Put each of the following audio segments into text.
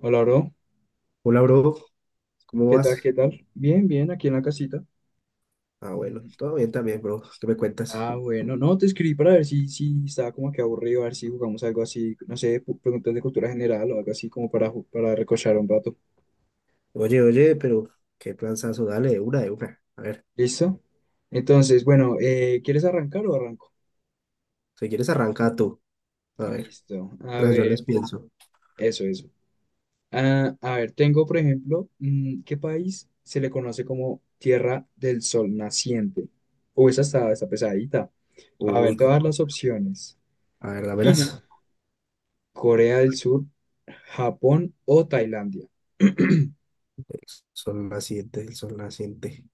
Hola, bro. Hola, bro. ¿Cómo ¿Qué tal? ¿Qué vas? tal? Bien, bien, aquí en la casita. Ah, bueno, Mm, todo bien también, bro. ¿Qué me cuentas? Ah, bueno, no, te escribí para ver si estaba como que aburrido, a ver si jugamos algo así, no sé, preguntas de cultura general o algo así como para, para recochar un rato. Oye, pero qué planzazo, dale, de una. A ver, ¿Listo? Entonces, bueno, ¿quieres arrancar o arranco? si quieres arranca tú. A ver, Listo. A mientras yo ver, les pienso. eso, eso. Ah, a ver, tengo, por ejemplo, ¿qué país se le conoce como Tierra del Sol Naciente? O esa está pesadita. A ver, Uy, te voy a dar cómo- las opciones. a ver, China. dámelas. Corea del Sur, Japón o Tailandia. El sol naciente.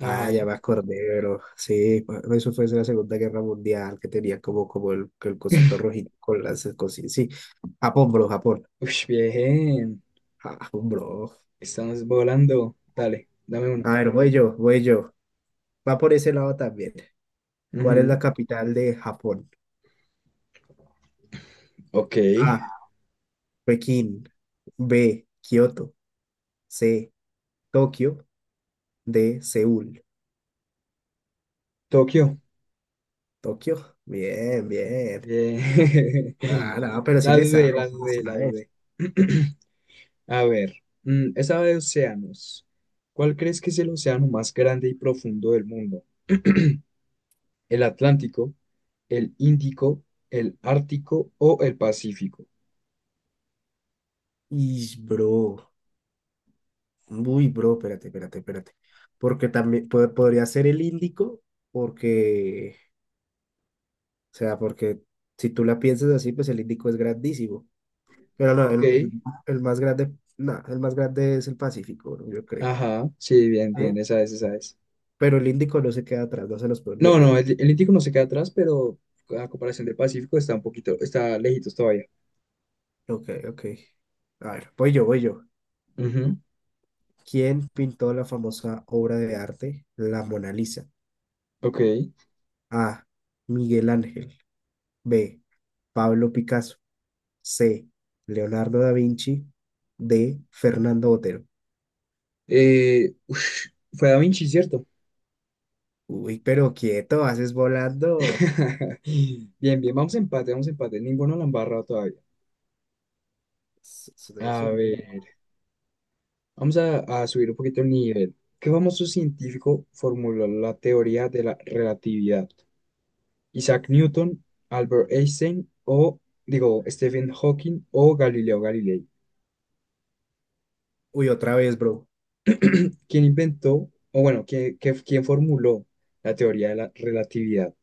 Ah, ya me acordé, bro. Sí, eso fue en la Segunda Guerra Mundial, que tenía como, como el cosito rojito con las cositas. Sí, Japón, bro, Japón. Ush, bien. Japón, bro. Estamos volando. Dale, dame uno. A ver, voy yo. Va por ese lado también. ¿Cuál es la Ujú. capital de Japón? Ok. A. Pekín. B. Kioto. C. Tokio. D. Seúl. Tokio. Tokio. Bien, bien. Bien. Ah, no, pero sí La le dudé, la sabes, sí le dudé, la sabes. dudé. A ver, esa de océanos. ¿Cuál crees que es el océano más grande y profundo del mundo? ¿El Atlántico, el Índico, el Ártico o el Pacífico? Ish, bro. Uy, bro, espérate. Porque también podría ser el Índico, porque, o sea, porque si tú la piensas así, pues el Índico es grandísimo. Pero no, Ok. El más grande, no, el más grande es el Pacífico, bro, yo creo. Ajá, sí, bien, ¿Sí? bien, esa es, esa es. Pero el Índico no se queda atrás, no se los puede No, olvidar. no, El el Índico no se queda atrás, pero a comparación del Pacífico está un poquito, está lejitos todavía. ok, ok. A ver, voy yo. Ujú. ¿Quién pintó la famosa obra de arte La Mona Lisa? Ok. A. Miguel Ángel. B. Pablo Picasso. C. Leonardo da Vinci. D. Fernando Botero. Eh, ush, fue Da Vinci, ¿cierto? Uy, pero quieto, haces volando. Bien, bien, vamos a empate, vamos a empate. Ninguno la han barrado todavía. Eres A un duro. ver, vamos a subir un poquito el nivel. ¿Qué famoso científico formuló la teoría de la relatividad? Isaac Newton, Albert Einstein o, digo, Stephen Hawking o Galileo Galilei. Uy, otra vez, bro. ¿Quién inventó, o bueno, ¿quién, quién formuló la teoría de la relatividad?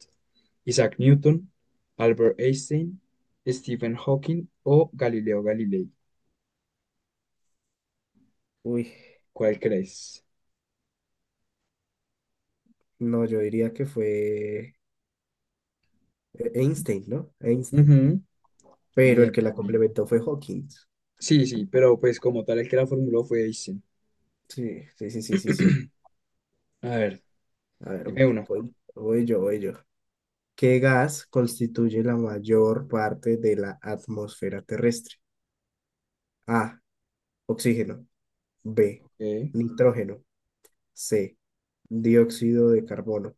¿Isaac Newton, Albert Einstein, Stephen Hawking o Galileo Galilei? Uy, ¿Cuál crees? no, yo diría que fue Einstein, ¿no? Einstein. Ujú. Pero el Bien, que la bien, bien. complementó fue Hawking. Sí, sí, pero pues como tal el que la formuló fue Einstein. Sí, sí, sí, sí, sí, sí. A ver, A ver, dime una. voy yo. ¿Qué gas constituye la mayor parte de la atmósfera terrestre? A, oxígeno. B, Ok. nitrógeno. C, dióxido de carbono.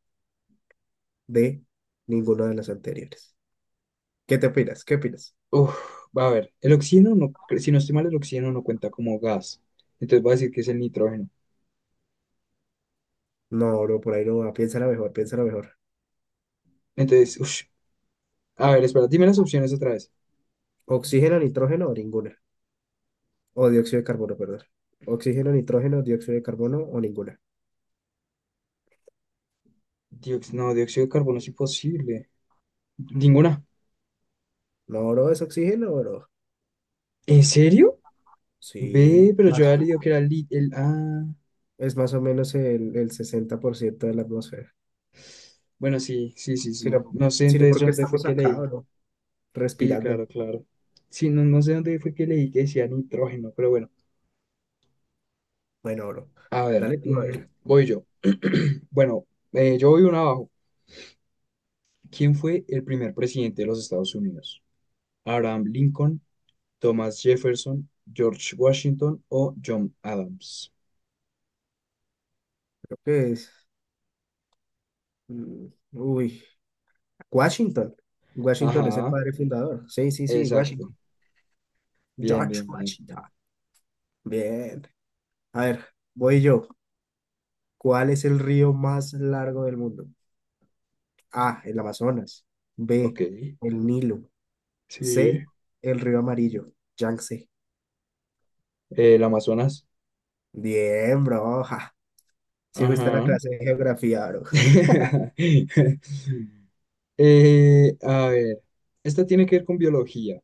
D, ninguna de las anteriores. ¿Qué te opinas? ¿Qué opinas? Uf, va a ver, el oxígeno no, si no estoy mal, el oxígeno no cuenta como gas. Entonces voy a decir que es el nitrógeno. No, bro, por ahí no va. Piénsala mejor, piénsala mejor. Entonces, ush, a ver, espera, dime las opciones otra vez. Oxígeno, nitrógeno o ninguna. O dióxido de carbono, perdón. Oxígeno, nitrógeno, dióxido de carbono o ninguna. No, dióxido de carbono es imposible. Ninguna. No, bro, es oxígeno, bro. ¿En serio? Ve, Sí. pero yo ¿Más? había leído que era el... Ah, Es más o menos el 60% de la atmósfera, bueno, sí, sí, sí, sí. sino, No sé sino entonces porque dónde fue estamos que acá, leí. bro, Sí, respirando. claro, claro. Sí, no, no sé dónde fue que leí que decía nitrógeno, pero bueno. Bueno, bro, A ver, dale tú a ver, voy yo. Bueno, yo voy uno abajo. ¿Quién fue el primer presidente de los Estados Unidos? ¿Abraham Lincoln, Thomas Jefferson, George Washington o John Adams? creo que es, mm, uy, Washington, Washington es el Ajá, padre fundador, sí, sí, sí, exacto. Washington, Bien, George bien, bien. Washington, bien, a ver, voy yo, ¿cuál es el río más largo del mundo? A, el Amazonas, B, Ok, el Nilo, C, sí. el río amarillo, Yangtze, El Amazonas. bien, bro, Sí, fuiste a la Ajá. clase de geografía, bro. A ver, esta tiene que ver con biología.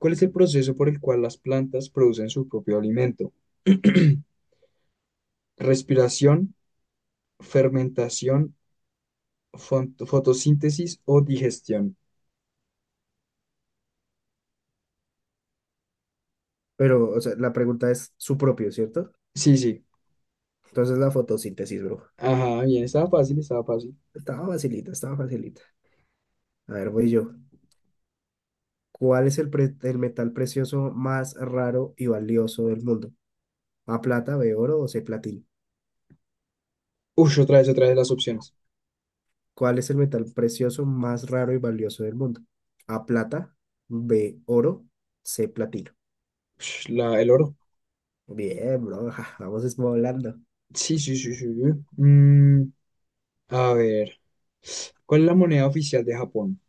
¿Cuál es el proceso por el cual las plantas producen su propio alimento? Respiración, fermentación, fotosíntesis o digestión. Pero, o sea, la pregunta es su propio, ¿cierto? Sí, sí. Entonces la fotosíntesis, bro. Ajá, bien, estaba fácil, estaba fácil. Estaba facilita, estaba facilita. A ver, voy yo. ¿Cuál es el metal precioso más raro y valioso del mundo? ¿A plata, B oro o C platino? Ush, otra vez las opciones. ¿Cuál es el metal precioso más raro y valioso del mundo? ¿A plata, B oro, C platino? Ush, la, el oro. Bien, bro. ja, vamos esmolando. Sí, sí, sí, sí, sí. Mm, a ver, ¿cuál es la moneda oficial de Japón?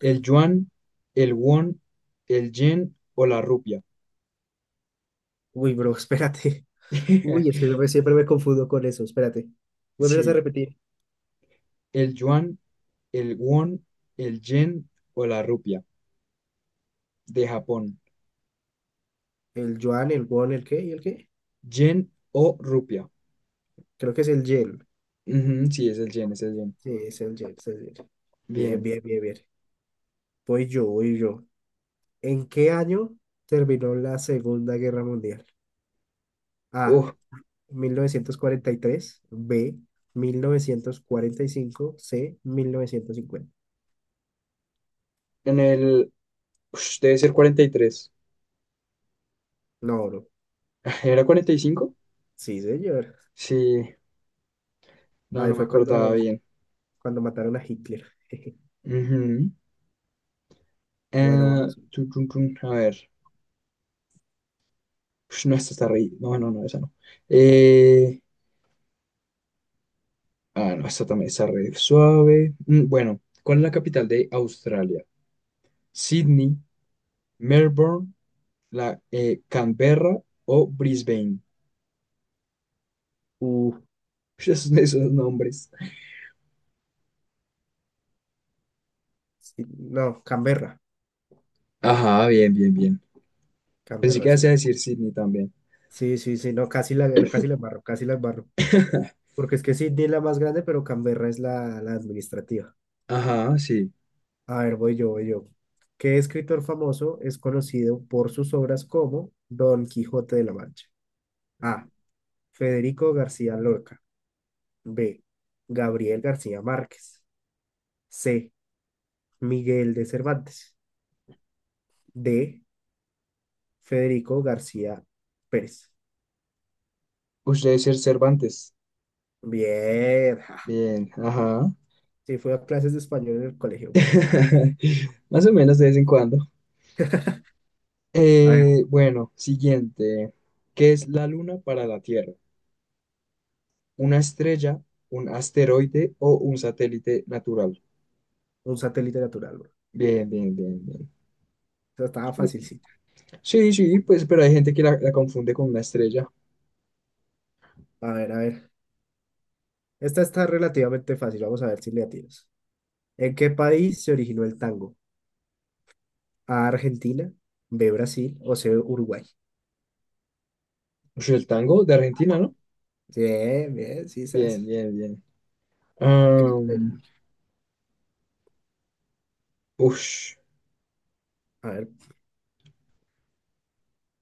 El yuan, el won, el yen o la rupia. Uy, bro, espérate. Uy, es que yo siempre me confundo con eso. Espérate. Vuelves a Sí, repetir. el yuan, el won, el yen o la rupia de Japón. El yuan, el won, el qué y el qué. Yen o rupia. Creo que es el yen. Ujú, sí, es el yen, es el yen. Sí, es el yen, es el yen. Bien, Bien. bien, bien, bien. Voy yo, voy yo. ¿En qué año terminó la Segunda Guerra Mundial? A, Uf, 1943. B, 1945. C, 1950. en el... ush, debe ser 43. No, bro. ¿Era 45? Sí, señor. Sí, no, Ahí no me fue acordaba cuando, bien. cuando mataron a Hitler. Ujú. Bueno, Eh, vas. tun, tun, tun, a ver. Ush, no, esta está re... No, no, no, esa no. Eh, Ah, no, esta también está re suave. Bueno, ¿cuál es la capital de Australia? ¿Sydney, Melbourne, la, Canberra o Brisbane? Uh, Esos, esos nombres. sí, no, Canberra. Ajá, bien, bien, bien. Pensé que Canberra, ibas sí. a decir Sydney también. Sí, sí, sí, no, casi la embarro. Porque es que Sydney es la más grande, pero Canberra es la administrativa. Ajá, sí. A ver, voy yo. ¿Qué escritor famoso es conocido por sus obras como Don Quijote de la Mancha? A. Federico García Lorca. B. Gabriel García Márquez. C. Miguel de Cervantes. D. Federico García Pérez. Usted debe ser Cervantes. Bien. Ja. Bien, ajá. Sí, fui a clases de español en el colegio, pero ja. Más o menos de vez en cuando. A ver, Bueno, siguiente. ¿Qué es la luna para la Tierra? Una estrella, un asteroide o un satélite natural. un satélite natural, bro. Bien, bien, bien, bien. Esa estaba facilita. Sí, sí, pues, pero hay gente que la confunde con una estrella. A ver, a ver. Esta está relativamente fácil, vamos a ver si le atinas. ¿En qué país se originó el tango? ¿A Argentina, B Brasil o C Uruguay? Ush, el tango de Argentina, ¿no? Bien, bien, sí, sabes. Bien, bien, bien. Am, ush. A ver,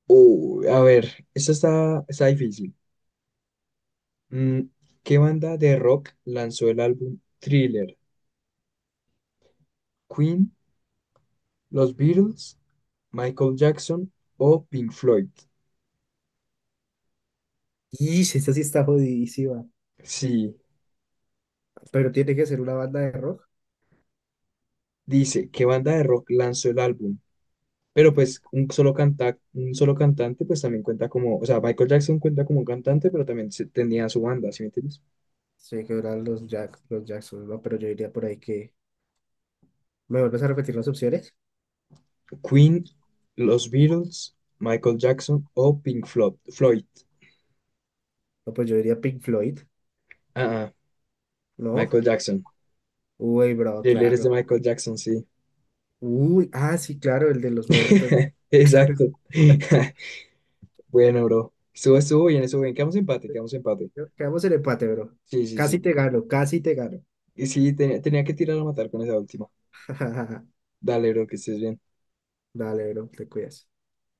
A ver, esta está, está difícil. Mm, ¿Qué banda de rock lanzó el álbum Thriller? ¿Queen, los Beatles, Michael Jackson o Pink Floyd? y si esta sí está jodidísima, Sí. pero tiene que ser una banda de rock. Dice, ¿qué banda de rock lanzó el álbum? Pero No, pues un solo canta, un solo cantante pues también cuenta como, o sea, Michael Jackson cuenta como un cantante, pero también tenía su banda, ¿sí me entiendes? sé que eran los, Jack, los Jackson, no, pero yo diría por ahí que. ¿Me vuelves a repetir las opciones? Queen, los Beatles, Michael Jackson o Floyd. No, pues yo diría Pink Floyd, Ah, ah, ¿no? Michael Jackson. Uy, bro, Thriller es de claro. Michael Jackson, sí. Uy, ah, sí, claro, el de los muertos. Exacto. Bueno, bro. Estuvo, estuvo bien, estuvo bien. Quedamos empate, quedamos empate. Quedamos en empate, bro. Sí, sí, Casi sí. te gano, casi te gano. Y sí, tenía, tenía que tirar a matar con esa última. Dale, bro, que estés bien. Dale, bro, te cuidas.